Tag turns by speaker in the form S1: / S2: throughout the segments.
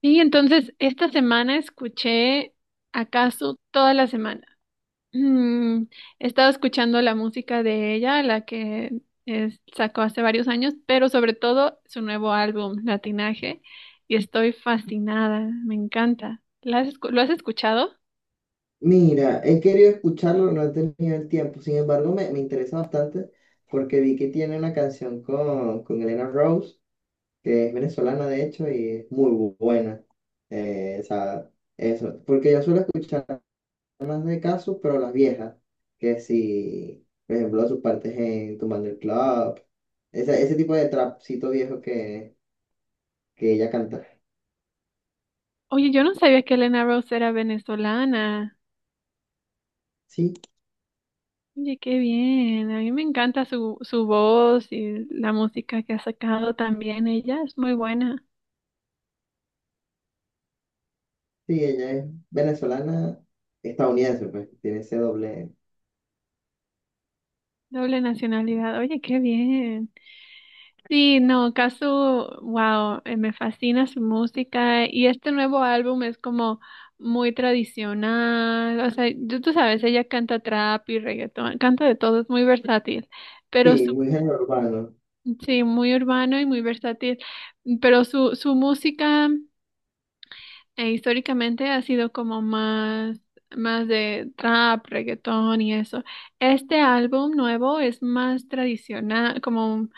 S1: Sí, entonces, esta semana escuché acaso toda la semana. Mm, he estado escuchando la música de ella, la que sacó hace varios años, pero sobre todo su nuevo álbum, Latinaje, y estoy fascinada, me encanta. ¿Lo has escuchado?
S2: Mira, he querido escucharlo, no he tenido el tiempo. Sin embargo, me interesa bastante porque vi que tiene una canción con Elena Rose, que es venezolana de hecho y es muy buena. O sea, eso. Porque yo suelo escuchar más de casos, pero las viejas, que si, por ejemplo, sus partes en Tumbando el Club, ese tipo de trapcito viejo que ella canta.
S1: Oye, yo no sabía que Elena Rose era venezolana.
S2: Sí,
S1: Oye, qué bien. A mí me encanta su voz y la música que ha sacado también ella, es muy buena.
S2: sí, ella es venezolana, estadounidense, pues, tiene ese doble.
S1: Doble nacionalidad, oye, qué bien. Sí, no, Casu, wow, me fascina su música y este nuevo álbum es como muy tradicional, o sea, tú sabes, ella canta trap y reggaetón, canta de todo, es muy versátil, pero su,
S2: Sí, muy género urbano.
S1: sí, muy urbano y muy versátil, pero su música... E históricamente ha sido como más de trap, reggaetón y eso. Este álbum nuevo es más tradicional, como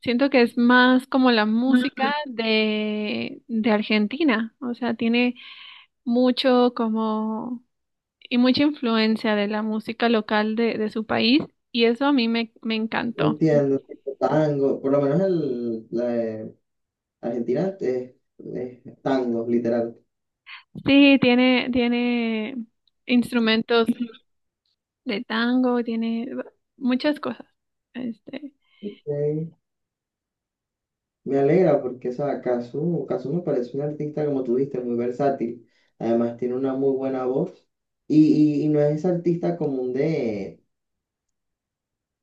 S1: siento que es más como la música de Argentina. O sea, tiene mucho como y mucha influencia de la música local de su país. Y eso a mí me encantó.
S2: Entiendo. Tipo tango, por lo menos la de Argentina es tango, literal.
S1: Sí, tiene instrumentos de tango, tiene muchas cosas. Este.
S2: Ok. Me alegra porque esa Cazzu, Cazzu me parece un artista, como tú dijiste, muy versátil. Además, tiene una muy buena voz. Y no es ese artista común de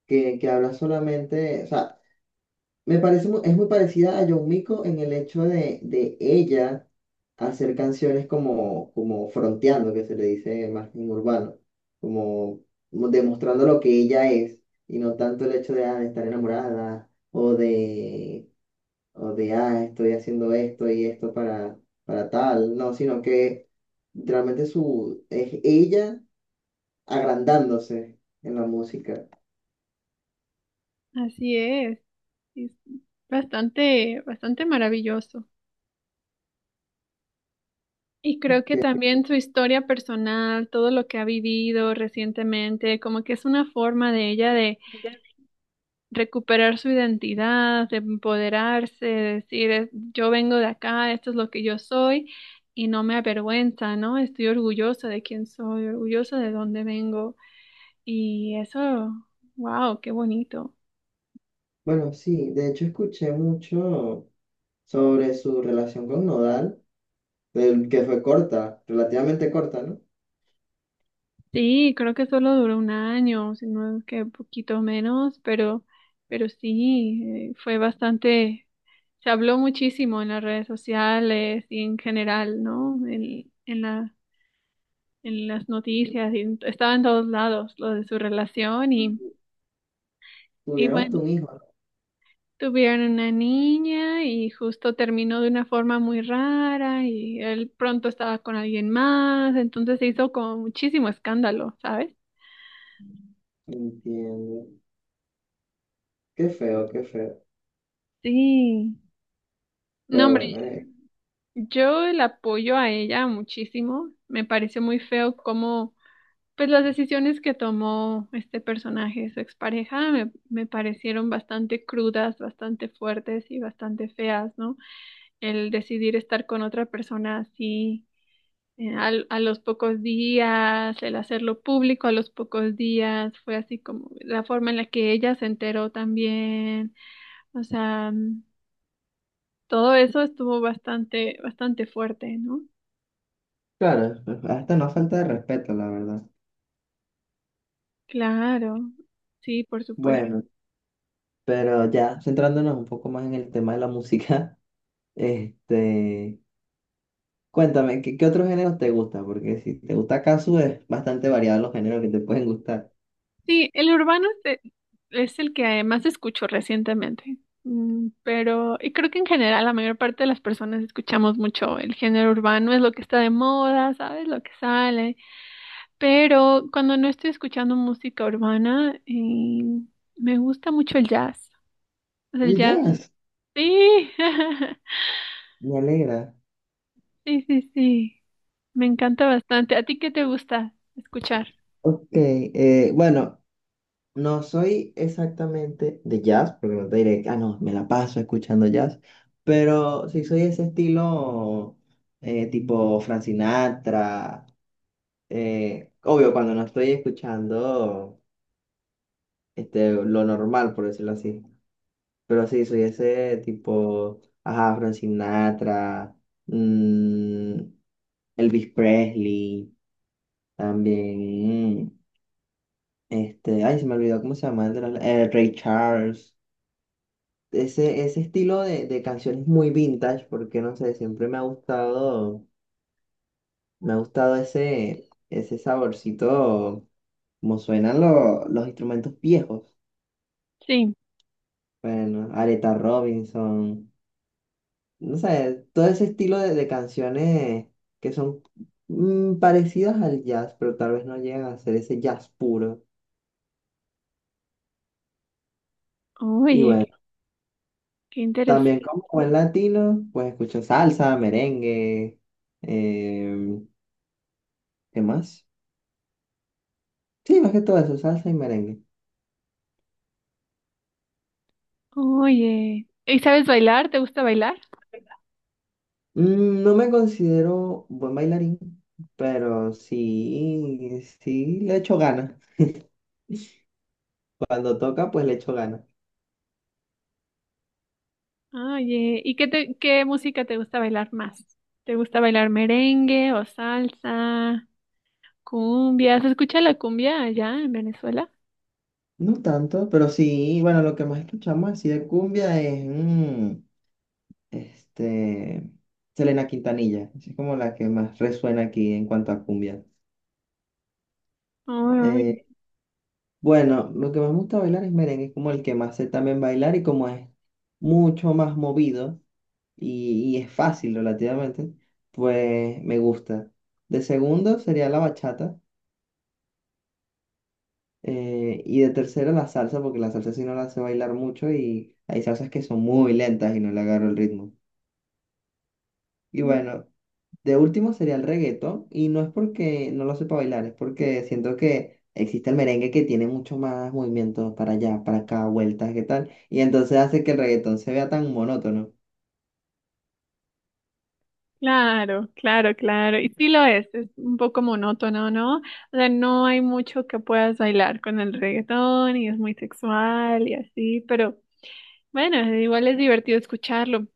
S2: que habla solamente. O sea, me parece, es muy parecida a Yomiko en el hecho de ella hacer canciones como, como fronteando, que se le dice más en urbano, como demostrando lo que ella es y no tanto el hecho de, de estar enamorada o de, estoy haciendo esto y esto para tal, no, sino que realmente su, es ella agrandándose en la música.
S1: Así es bastante, bastante maravilloso. Y creo que también su historia personal, todo lo que ha vivido recientemente, como que es una forma de ella de recuperar su identidad, de empoderarse, de decir, yo vengo de acá, esto es lo que yo soy y no me avergüenza, ¿no? Estoy orgullosa de quién soy, orgullosa de dónde vengo. Y eso, wow, qué bonito.
S2: Bueno, sí, de hecho escuché mucho sobre su relación con Nodal, del que fue corta, relativamente corta, ¿no?
S1: Sí, creo que solo duró un año, si no es que un poquito menos, pero sí, fue bastante, se habló muchísimo en las redes sociales y en general, ¿no? En las noticias, y estaba en todos lados lo de su relación y
S2: Tuvieron hasta
S1: bueno,
S2: un hijo.
S1: tuvieron una niña y justo terminó de una forma muy rara y él pronto estaba con alguien más, entonces se hizo como muchísimo escándalo, ¿sabes?
S2: Entiendo. Qué feo, qué feo.
S1: Sí. No,
S2: Pero
S1: hombre.
S2: bueno,
S1: Yo la apoyo a ella muchísimo. Me pareció muy feo como, pues las decisiones que tomó este personaje, su expareja, me parecieron bastante crudas, bastante fuertes y bastante feas, ¿no? El decidir estar con otra persona así, los pocos días, el hacerlo público a los pocos días, fue así como la forma en la que ella se enteró también. O sea, todo eso estuvo bastante, bastante fuerte, ¿no?
S2: claro, hasta no falta de respeto, la verdad.
S1: Claro, sí, por supuesto.
S2: Bueno, pero ya centrándonos un poco más en el tema de la música, este, cuéntame, ¿qué, qué otros géneros te gusta? Porque si te gusta Casu, es bastante variado los géneros que te pueden gustar.
S1: Sí, el urbano es el que más escucho recientemente. Pero y creo que en general la mayor parte de las personas escuchamos mucho el género urbano, es lo que está de moda, ¿sabes? Lo que sale, pero cuando no estoy escuchando música urbana, me gusta mucho el jazz. O sea, el
S2: El
S1: jazz,
S2: jazz,
S1: sí,
S2: me alegra.
S1: sí, sí, sí, me encanta bastante. ¿A ti qué te gusta escuchar?
S2: Ok, bueno, no soy exactamente de jazz, porque no te diré, ah, no, me la paso escuchando jazz, pero sí soy ese estilo tipo Frank Sinatra, obvio cuando no estoy escuchando lo normal, por decirlo así, pero sí soy ese tipo, ajá, Frank Sinatra, mm, Elvis Presley, también, ay, se me olvidó cómo se llama, Ray Charles. Ese estilo de canciones muy vintage, porque no sé, siempre me ha gustado ese, ese saborcito, como suenan los instrumentos viejos.
S1: Sí,
S2: Bueno, Aretha Robinson, no sé, todo ese estilo de canciones que son parecidas al jazz, pero tal vez no llegan a ser ese jazz puro. Y
S1: oye,
S2: bueno,
S1: qué interesante.
S2: también como buen latino, pues escucho salsa, merengue, eh, ¿qué más? Sí, más que todo eso, salsa y merengue.
S1: Oye, ¿y sabes bailar? ¿Te gusta bailar?
S2: Mm, no me considero buen bailarín, pero sí, sí le echo ganas. Cuando toca, pues le echo ganas.
S1: Oye, ¿qué música te gusta bailar más? ¿Te gusta bailar merengue o salsa, cumbia? ¿Se escucha la cumbia allá en Venezuela?
S2: No tanto, pero sí, bueno, lo que más escuchamos así de cumbia es este, Selena Quintanilla. Así es como la que más resuena aquí en cuanto a cumbia.
S1: Ay,
S2: Eh, bueno, lo que más me gusta bailar es merengue, es como el que más sé también bailar y como es mucho más movido. Y y es fácil relativamente, pues me gusta. De segundo sería la bachata y de tercero la salsa, porque la salsa sí no la sé bailar mucho y hay salsas que son muy lentas y no le agarro el ritmo. Y bueno, de último sería el reggaetón y no es porque no lo sepa bailar, es porque siento que existe el merengue que tiene mucho más movimientos para allá, para acá, vueltas, qué tal, y entonces hace que el reggaetón se vea tan monótono.
S1: claro, claro, claro. Y sí lo es un poco monótono, ¿no? O sea, no hay mucho que puedas bailar con el reggaetón y es muy sexual y así, pero bueno, igual es divertido escucharlo.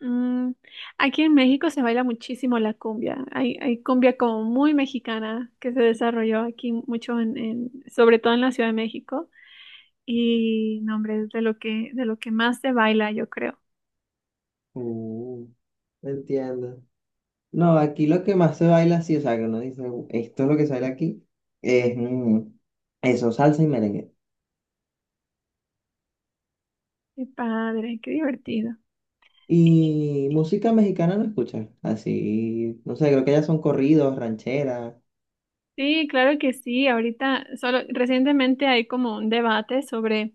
S1: Mm, Aquí en México se baila muchísimo la cumbia. Hay cumbia como muy mexicana que se desarrolló aquí mucho sobre todo en la Ciudad de México. Y no, hombre, es de lo que más se baila, yo creo.
S2: Uh, entiendo. No, aquí lo que más se baila, sí, o sea, que uno dice, esto es lo que se baila aquí, es eso, salsa y merengue.
S1: Qué padre, qué divertido.
S2: Y música mexicana no escuchas, así, no sé, creo que ya son corridos, rancheras.
S1: Sí, claro que sí. Ahorita, solo recientemente hay como un debate sobre,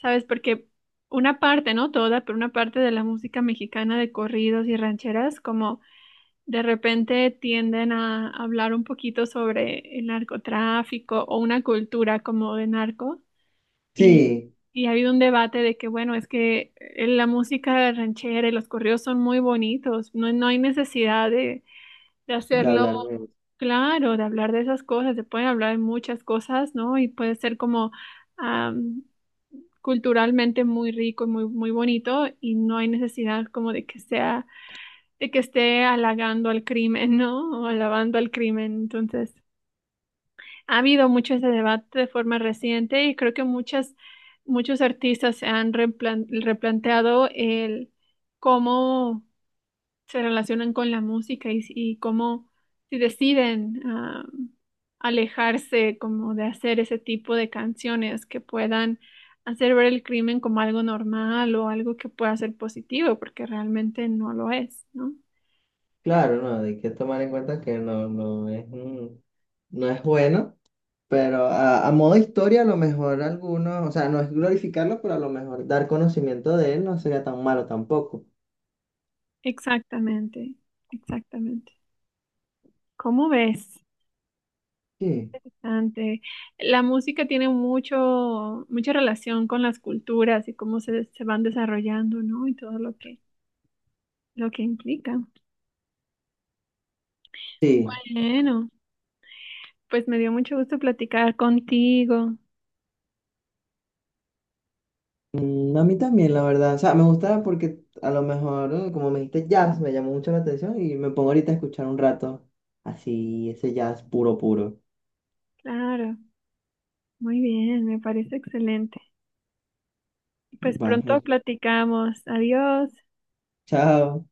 S1: ¿sabes? Porque una parte, no toda, pero una parte de la música mexicana de corridos y rancheras, como de repente tienden a hablar un poquito sobre el narcotráfico o una cultura como de narco y,
S2: Sí,
S1: y ha habido un debate de que, bueno, es que la música ranchera y los corridos son muy bonitos, no, no hay necesidad de
S2: de
S1: hacerlo
S2: hablar de eso.
S1: claro, de hablar de esas cosas, se pueden hablar de muchas cosas, ¿no? Y puede ser como am, culturalmente muy rico y muy, muy bonito y no hay necesidad como de que sea de que esté halagando al crimen, ¿no? O alabando al crimen. Entonces, ha habido mucho ese debate de forma reciente y creo que muchos artistas se han replanteado el cómo se relacionan con la música y, cómo si deciden alejarse como de hacer ese tipo de canciones que puedan hacer ver el crimen como algo normal o algo que pueda ser positivo, porque realmente no lo es, ¿no?
S2: Claro, no, hay que tomar en cuenta que no, no es, no es bueno, pero a modo historia, a lo mejor algunos, o sea, no es glorificarlo, pero a lo mejor dar conocimiento de él no sería tan malo tampoco.
S1: Exactamente, exactamente. ¿Cómo ves?
S2: Sí.
S1: Interesante. La música tiene mucha relación con las culturas y cómo se van desarrollando, ¿no? Y todo lo que implica.
S2: Sí.
S1: Bueno, pues me dio mucho gusto platicar contigo.
S2: Mm, a mí también, la verdad. O sea, me gusta porque a lo mejor, como me dijiste jazz, me llamó mucho la atención y me pongo ahorita a escuchar un rato así, ese jazz puro, puro.
S1: Claro, muy bien, me parece excelente. Pues pronto
S2: Baje.
S1: platicamos. Adiós.
S2: Chao.